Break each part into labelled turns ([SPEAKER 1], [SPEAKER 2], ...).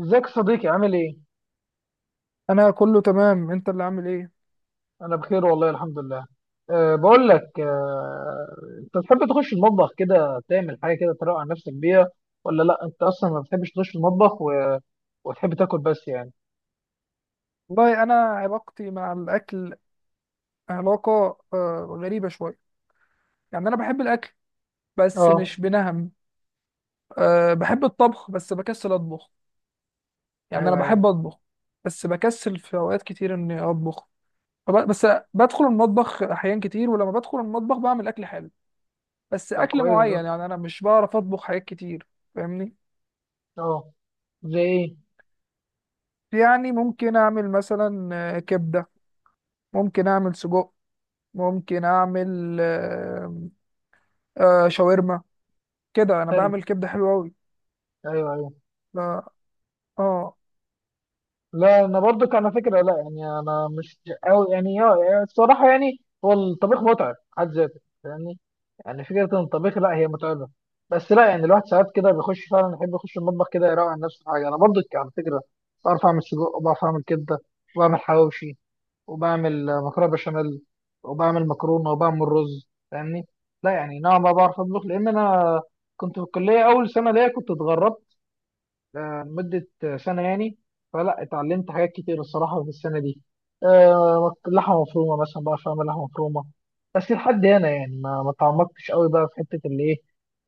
[SPEAKER 1] ازيك يا صديقي؟ عامل ايه؟
[SPEAKER 2] انا كله تمام، انت اللي عامل ايه؟
[SPEAKER 1] انا بخير والله الحمد لله. بقول لك، انت بتحب تخش المطبخ كده تعمل حاجه كده تروق على نفسك بيها ولا لا؟ انت اصلا ما بتحبش تخش المطبخ و... وتحب تاكل بس يعني.
[SPEAKER 2] والله انا علاقتي مع الاكل علاقه غريبه شويه. يعني انا بحب الاكل بس
[SPEAKER 1] اه،
[SPEAKER 2] مش بنهم. بحب الطبخ بس بكسل اطبخ. يعني
[SPEAKER 1] ايوه
[SPEAKER 2] انا
[SPEAKER 1] ايوه.
[SPEAKER 2] بحب اطبخ بس بكسل في اوقات كتير اني اطبخ. بس بدخل المطبخ احيان كتير، ولما بدخل المطبخ بعمل اكل حلو، بس
[SPEAKER 1] طب
[SPEAKER 2] اكل
[SPEAKER 1] كويس ده.
[SPEAKER 2] معين. يعني انا مش بعرف اطبخ حاجات كتير، فاهمني؟
[SPEAKER 1] اه. زي ايه؟
[SPEAKER 2] يعني ممكن اعمل مثلا كبده، ممكن اعمل سجق، ممكن اعمل آه شاورما. كده انا
[SPEAKER 1] حلو.
[SPEAKER 2] بعمل كبده حلوه قوي.
[SPEAKER 1] ايوه ايوه.
[SPEAKER 2] لا، اه.
[SPEAKER 1] لا انا برضو كان فكره، لا يعني انا مش قوي يعني، اه الصراحه، يعني هو الطبيخ متعب حد ذاته يعني، يعني فكره ان الطبيخ، لا هي متعبه، بس لا يعني الواحد ساعات كده بيخش فعلا يحب يخش المطبخ كده يروق عن نفسه حاجه. انا برضو على فكره بعرف اعمل سجق وبعرف اعمل كبده وبعمل حواوشي وبعمل مكرونه بشاميل وبعمل مكرونه وبعمل رز فاهمني. لا يعني نوعا ما بعرف اطبخ، لان انا كنت في الكليه اول سنه ليا كنت اتغربت لمدة سنة يعني، فلا اتعلمت حاجات كتير الصراحة في السنة دي. لحمة مفرومة مثلا بقى، فاهم، لحمة مفرومة، بس لحد هنا يعني، ما تعمقتش قوي بقى في حتة اللي ايه،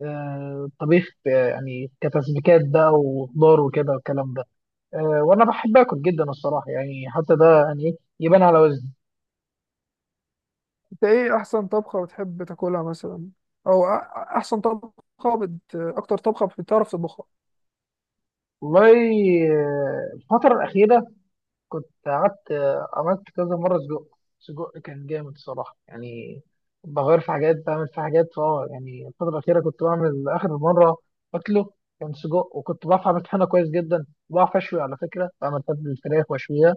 [SPEAKER 1] الطبيخ يعني كتسبيكات بقى وخضار وكده والكلام ده. وانا بحب اكل جدا الصراحة، يعني حتى ده يعني يبان على وزني.
[SPEAKER 2] انت ايه احسن طبخه بتحب تاكلها مثلا، احسن طبخه اكتر طبخه بتعرف تطبخها؟
[SPEAKER 1] والله، الفترة الأخيرة كنت قعدت عملت كذا مرة سجق. سجق كان جامد صراحة يعني، بغير في حاجات بعمل في حاجات فاه، يعني الفترة الأخيرة كنت بعمل آخر مرة أكله كان سجق، وكنت بعرف أعمل طحينة كويس جدا، بعرف أشوي على فكرة، بعمل تبل الفراخ وأشويها،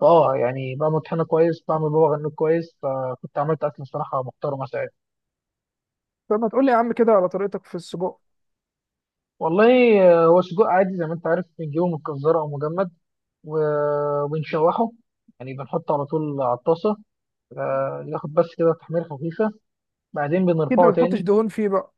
[SPEAKER 1] فاه يعني بعمل طحينة كويس، بعمل بابا غنوج كويس، فكنت عملت أكل صراحة محترمة ساعتها.
[SPEAKER 2] فما تقول لي يا عم كده على طريقتك في السجق.
[SPEAKER 1] والله هو سجق عادي زي ما أنت عارف، بنجيبه من الجزارة أو مجمد وبنشوحه، يعني بنحطه على طول على الطاسة، ياخد بس كده تحمير خفيفة، بعدين
[SPEAKER 2] اكيد ما
[SPEAKER 1] بنرفعه
[SPEAKER 2] بتحطش
[SPEAKER 1] تاني.
[SPEAKER 2] دهون فيه بقى؟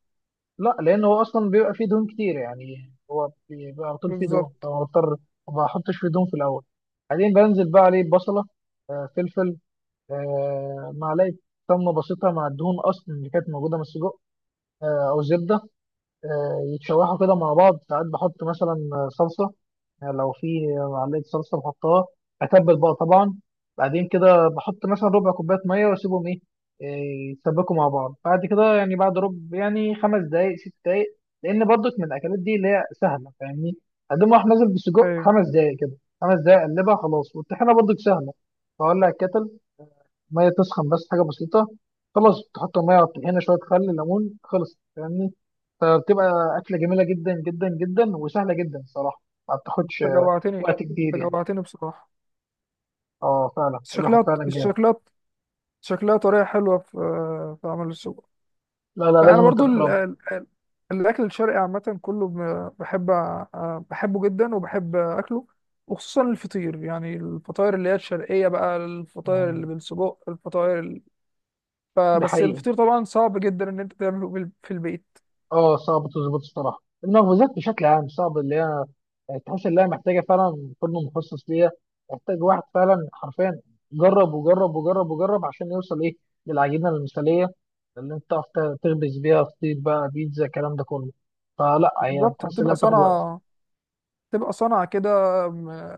[SPEAKER 1] لا، لأن هو أصلا بيبقى فيه دهون كتير، يعني هو بيبقى على طول فيه دهون،
[SPEAKER 2] بالظبط.
[SPEAKER 1] فأنا بضطر ما بحطش فيه دهون في الأول. بعدين بنزل بقى عليه بصلة، فلفل، معلقة سمنة بسيطة مع الدهون أصلا اللي كانت موجودة من السجق، أو زبدة، يتشوحوا كده مع بعض. ساعات بحط مثلا صلصة، يعني لو في معلقه صلصه بحطها، اتبل بقى طبعا. بعدين كده بحط مثلا ربع كوبايه ميه واسيبهم ايه، يتسبكوا مع بعض. بعد كده يعني بعد ربع، يعني خمس دقائق ست دقائق، لان برضك من الاكلات دي اللي هي سهله فاهمني، اقوم راح نازل بسجق
[SPEAKER 2] ايوه.
[SPEAKER 1] خمس دقائق كده. خمس دقائق اقلبها خلاص. والطحينه برضك سهله، فولع الكتل، ميه تسخن بس حاجه بسيطه، خلاص تحط الميه على الطحينه شويه خل ليمون خلص فاهمني. فبتبقى اكله جميله جدا جدا جدا وسهله جدا صراحه، ما بتاخدش
[SPEAKER 2] انت جوعتني،
[SPEAKER 1] وقت كبير
[SPEAKER 2] انت
[SPEAKER 1] يعني.
[SPEAKER 2] جوعتني بصراحه.
[SPEAKER 1] اه فعلا
[SPEAKER 2] بس
[SPEAKER 1] الواحد
[SPEAKER 2] شكلها،
[SPEAKER 1] فعلا جامد.
[SPEAKER 2] شكلها، شكلها طريقه حلوه في في عمل السجق.
[SPEAKER 1] لا لا،
[SPEAKER 2] بقى انا
[SPEAKER 1] لازم انت
[SPEAKER 2] برضو
[SPEAKER 1] تجربه.
[SPEAKER 2] الاكل الشرقي عامه كله بحب بحبه جدا وبحب اكله، وخصوصا الفطير، يعني الفطاير اللي هي الشرقيه بقى، الفطاير اللي
[SPEAKER 1] مم.
[SPEAKER 2] بالسجق،
[SPEAKER 1] ده
[SPEAKER 2] بس
[SPEAKER 1] حقيقي،
[SPEAKER 2] الفطير طبعا صعب جدا ان انت تعمله في البيت.
[SPEAKER 1] اه صعب تظبط الصراحه. المخبوزات بشكل عام صعب، اللي هي تحس ان هي محتاجه فعلا فرن مخصص ليها، محتاج واحد فعلا حرفيا جرب وجرب وجرب وجرب عشان يوصل ايه، للعجينه المثاليه اللي انت تعرف تخبز بيها فطير بقى، بيتزا، الكلام ده كله. فلا، هي
[SPEAKER 2] بالظبط،
[SPEAKER 1] بتحس انها
[SPEAKER 2] بتبقى
[SPEAKER 1] بتاخد وقت
[SPEAKER 2] صنعه، بتبقى صنعه كده، م-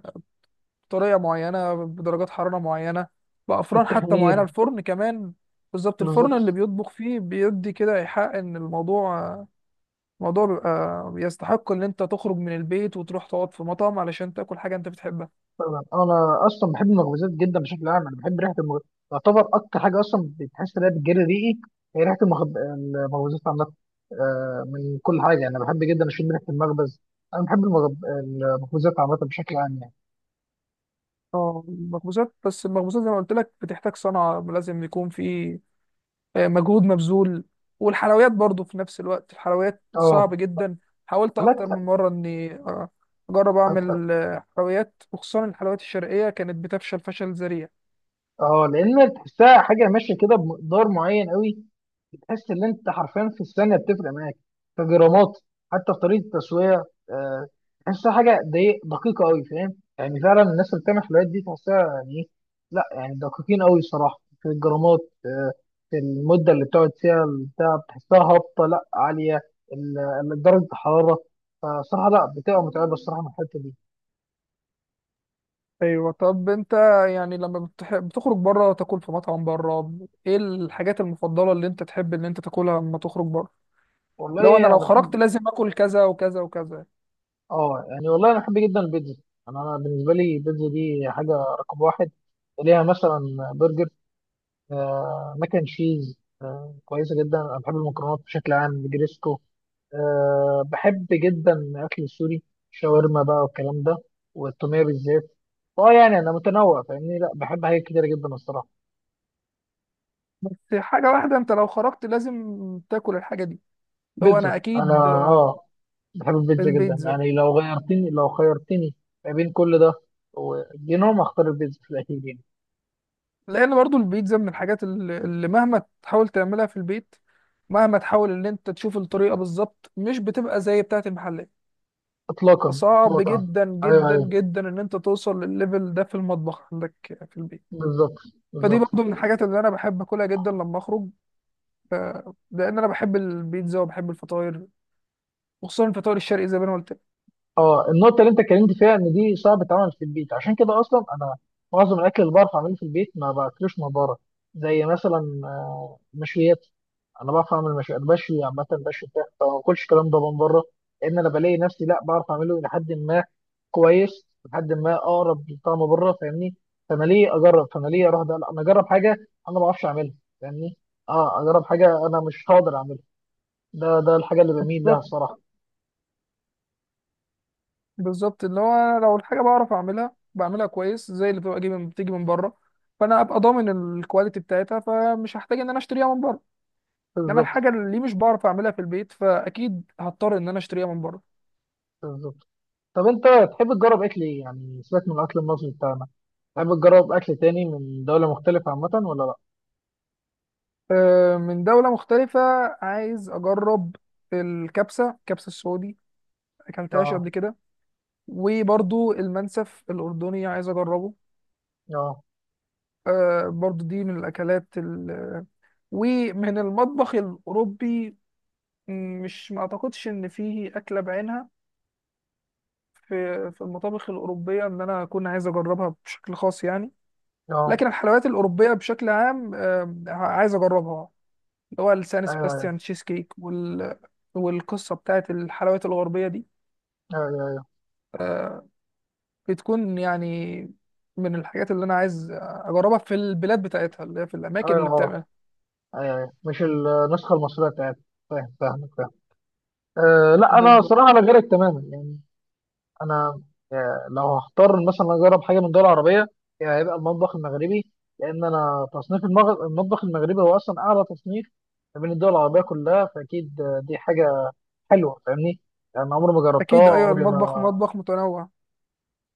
[SPEAKER 2] بطريقه معينه، بدرجات حراره معينه، بافران حتى معينه،
[SPEAKER 1] التخمير.
[SPEAKER 2] الفرن كمان. بالظبط، الفرن
[SPEAKER 1] بالظبط.
[SPEAKER 2] اللي بيطبخ فيه بيدي كده ايحاء ان الموضوع بيبقى بيستحق ان انت تخرج من البيت وتروح تقعد في مطعم علشان تاكل حاجه انت بتحبها.
[SPEAKER 1] طبعا انا اصلا بحب المخبوزات جدا بشكل عام، انا بحب ريحه المخ... تعتبر اكتر حاجه اصلا بتحس ان هي بتجري ريقي، هي ريحه المخب... المخبوزات عامه من كل حاجه يعني. انا بحب جدا اشم ريحه المخبز، انا بحب المغب... المخبوزات عامه بشكل عام يعني.
[SPEAKER 2] اه، المخبوزات، بس المخبوزات زي ما قلت لك بتحتاج صنعه، لازم يكون في مجهود مبذول. والحلويات برضو في نفس الوقت، الحلويات
[SPEAKER 1] اه.
[SPEAKER 2] صعب جدا. حاولت
[SPEAKER 1] لا
[SPEAKER 2] اكتر
[SPEAKER 1] ت-
[SPEAKER 2] من مره اني اجرب اعمل حلويات، وخصوصا الحلويات الشرقيه، كانت بتفشل فشل ذريع.
[SPEAKER 1] اه لان تحسها حاجه ماشيه كده بمقدار معين قوي، تحس ان انت حرفيا في الثانيه بتفرق معاك كجرامات، حتى في طريقه التسويه. آه، تحسها حاجه دي دقيقه قوي فاهم يعني، فعلا الناس اللي بتعمل حلويات دي تحسها يعني ايه، لا يعني دقيقين قوي صراحه في الجرامات، آه، في المده اللي بتقعد فيها البتاع بتحسها هابطه لا عاليه ال- درجه الحراره، فصراحه لا بتبقى متعبه الصراحه من الحته دي.
[SPEAKER 2] ايوه. طب انت يعني لما بتخرج بره تاكل في مطعم بره، ايه الحاجات المفضله اللي انت تحب ان انت تاكلها لما تخرج بره؟ لو انا،
[SPEAKER 1] والله
[SPEAKER 2] لو
[SPEAKER 1] انا
[SPEAKER 2] خرجت
[SPEAKER 1] بحب،
[SPEAKER 2] لازم اكل كذا وكذا وكذا.
[SPEAKER 1] اه يعني والله انا بحب جدا البيتزا. أنا بالنسبه لي البيتزا دي حاجه رقم واحد، ليها مثلا برجر، ماك اند تشيز كويسه جدا، انا بحب المكرونات بشكل عام، جريسكو، بحب جدا الاكل السوري شاورما بقى والكلام ده، والتوميه بالذات. اه يعني انا متنوع فاهمني، لا بحب حاجات كتيره جدا الصراحه.
[SPEAKER 2] في حاجه واحده انت لو خرجت لازم تاكل الحاجه دي؟ لو
[SPEAKER 1] بيتزا،
[SPEAKER 2] انا
[SPEAKER 1] انا
[SPEAKER 2] اكيد
[SPEAKER 1] اه بحب البيتزا جدا
[SPEAKER 2] البيتزا.
[SPEAKER 1] يعني، لو غيرتني لو خيرتني ما بين كل ده ودينهم هختار البيتزا في الاخير يعني.
[SPEAKER 2] لان برضو البيتزا من الحاجات اللي مهما تحاول تعملها في البيت، مهما تحاول ان انت تشوف الطريقه بالظبط، مش بتبقى زي بتاعه المحلات.
[SPEAKER 1] اطلاقا
[SPEAKER 2] وصعب
[SPEAKER 1] اطلاقا.
[SPEAKER 2] جدا
[SPEAKER 1] ايوه
[SPEAKER 2] جدا
[SPEAKER 1] ايوه.
[SPEAKER 2] جدا ان انت توصل للليفل ده في المطبخ عندك في البيت.
[SPEAKER 1] بالظبط.
[SPEAKER 2] فدي
[SPEAKER 1] بالظبط.
[SPEAKER 2] برضو من الحاجات اللي انا بحب اكلها جدا لما اخرج، لان انا بحب البيتزا وبحب الفطاير، وخصوصا الفطاير الشرقي زي ما انا قلت
[SPEAKER 1] اه النقطة اللي انت اتكلمت فيها، ان دي صعب تتعمل في البيت، عشان كده اصلا انا معظم الاكل اللي بعرف اعمله في البيت ما باكلوش من بره، زي مثلا مشويات، انا بعرف اعمل مشويات، بشوي عامة، بشوي بتاع، فما باكلش الكلام ده من بره، لان انا بلاقي نفسي لا بعرف اعمله لحد ما كويس، لحد ما اقرب لطعم بره فاهمني. فانا ليه اجرب، فانا ليه اروح، ده لا انا اجرب حاجة انا ما بعرفش اعملها فاهمني، اه اجرب حاجة انا مش هقدر اعملها. ده الحاجة اللي بميل لها
[SPEAKER 2] لك.
[SPEAKER 1] الصراحة.
[SPEAKER 2] بالظبط، اللي هو أنا لو الحاجه بعرف اعملها بعملها كويس زي اللي بتبقى جاي من بتيجي من بره، فانا ابقى ضامن الكواليتي بتاعتها، فمش هحتاج ان انا اشتريها من بره. انما
[SPEAKER 1] بالظبط.
[SPEAKER 2] الحاجه اللي مش بعرف اعملها في البيت، فاكيد هضطر ان انا اشتريها من بره.
[SPEAKER 1] بالظبط. طب انت تحب تجرب اكل ايه يعني؟ سيبك من الاكل المصري بتاعنا، تحب تجرب اكل تاني من دولة مختلفة عامة ولا لا؟
[SPEAKER 2] من دوله مختلفه عايز اجرب الكبسه، الكبسه السعودي، اكلتهاش قبل
[SPEAKER 1] اه.
[SPEAKER 2] كده. وبرضو المنسف الاردني عايز اجربه.
[SPEAKER 1] اه.
[SPEAKER 2] برضو دي من ومن المطبخ الاوروبي، مش، ما اعتقدش ان فيه اكله بعينها في المطابخ الأوروبية إن أنا أكون عايز أجربها بشكل خاص يعني.
[SPEAKER 1] اه.
[SPEAKER 2] لكن الحلويات الأوروبية بشكل عام عايز أجربها، اللي هو السان
[SPEAKER 1] ايوه ايوه.
[SPEAKER 2] سباستيان تشيز كيك والقصة بتاعت الحلويات الغربية دي
[SPEAKER 1] ايوه ايوه.
[SPEAKER 2] بتكون يعني من الحاجات اللي أنا عايز أجربها في البلاد بتاعتها اللي هي في الأماكن
[SPEAKER 1] ايوه
[SPEAKER 2] اللي
[SPEAKER 1] اه.
[SPEAKER 2] بتعملها.
[SPEAKER 1] ايوه ايوه مش النسخة المصرية بتاعتك، فاهم، فاهمك، فاهم. أه لا، انا
[SPEAKER 2] بالظبط،
[SPEAKER 1] صراحة انا غيرك تماما يعني. انا لو هختار مثلا اجرب حاجة من دولة عربية يعني هيبقى المطبخ المغربي، لان انا تصنيف المطبخ المغربي هو اصلا اعلى تصنيف ما بين الدول العربية كلها، فاكيد دي حاجة حلوه فاهمني. يعني عمري ما جربتها،
[SPEAKER 2] أكيد، أيوه
[SPEAKER 1] عمري
[SPEAKER 2] المطبخ
[SPEAKER 1] ما،
[SPEAKER 2] مطبخ متنوع.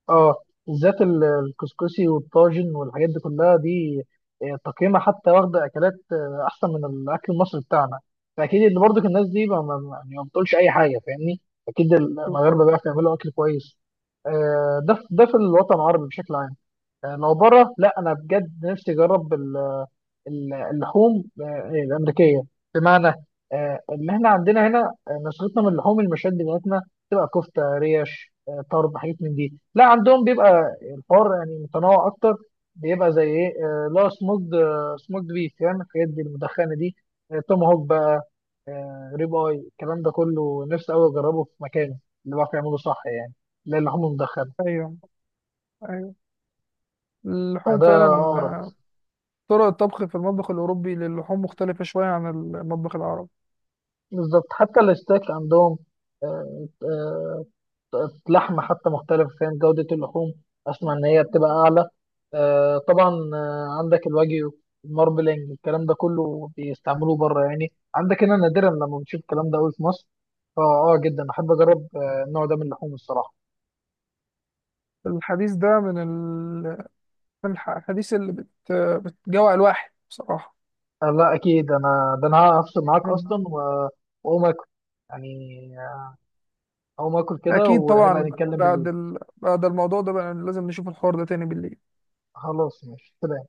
[SPEAKER 1] اه بالذات الكسكسي والطاجن والحاجات دي كلها دي تقييمها حتى واخده اكلات احسن من الاكل المصري بتاعنا، فاكيد اللي برضو الناس دي يعني ما بتقولش اي حاجه فاهمني، اكيد المغاربه
[SPEAKER 2] بالظبط.
[SPEAKER 1] بيعرفوا يعملوا اكل كويس. ده ده في الوطن العربي بشكل عام. لو بره لا، انا بجد نفسي اجرب اللحوم الامريكيه، بمعنى ان احنا عندنا هنا نسختنا من اللحوم المشاد بتاعتنا تبقى كفته، ريش، طرب، حاجات من دي. لا عندهم بيبقى الحوار يعني متنوع اكتر، بيبقى زي ايه، لا سموكد، سموكد بيف فاهم، الحاجات دي المدخنه دي، توم هوك بقى، ريب اي، الكلام ده كله نفسي قوي اجربه في مكانه اللي بيعرف يعمله صح يعني، لا اللحوم المدخنه.
[SPEAKER 2] أيوه، أيوه، اللحوم
[SPEAKER 1] فده اقرب.
[SPEAKER 2] فعلا، طرق الطبخ في المطبخ الأوروبي للحوم مختلفة شوية عن المطبخ العربي.
[SPEAKER 1] بالظبط. حتى الستيك عندهم آه، آه، لحم حتى مختلف فاهم، جودة اللحوم أسمع إن هي بتبقى أعلى طبعا. عندك الواجيو، الماربلينج، الكلام ده كله بيستعملوه بره يعني، عندك هنا نادرا لما بنشوف الكلام ده قوي في مصر، فأه جدا أحب أجرب النوع ده من اللحوم الصراحة.
[SPEAKER 2] الحديث ده من الحديث بتجوع الواحد بصراحة.
[SPEAKER 1] لا أكيد، أنا ده أنا هفصل معاك
[SPEAKER 2] مم.
[SPEAKER 1] أصلا وأقوم آكل يعني، آه، أقوم آكل كده
[SPEAKER 2] أكيد
[SPEAKER 1] ونبقى
[SPEAKER 2] طبعا،
[SPEAKER 1] نتكلم
[SPEAKER 2] بعد
[SPEAKER 1] بالليل.
[SPEAKER 2] بعد الموضوع ده بقى لازم نشوف الحوار ده تاني بالليل.
[SPEAKER 1] خلاص ماشي، سلام.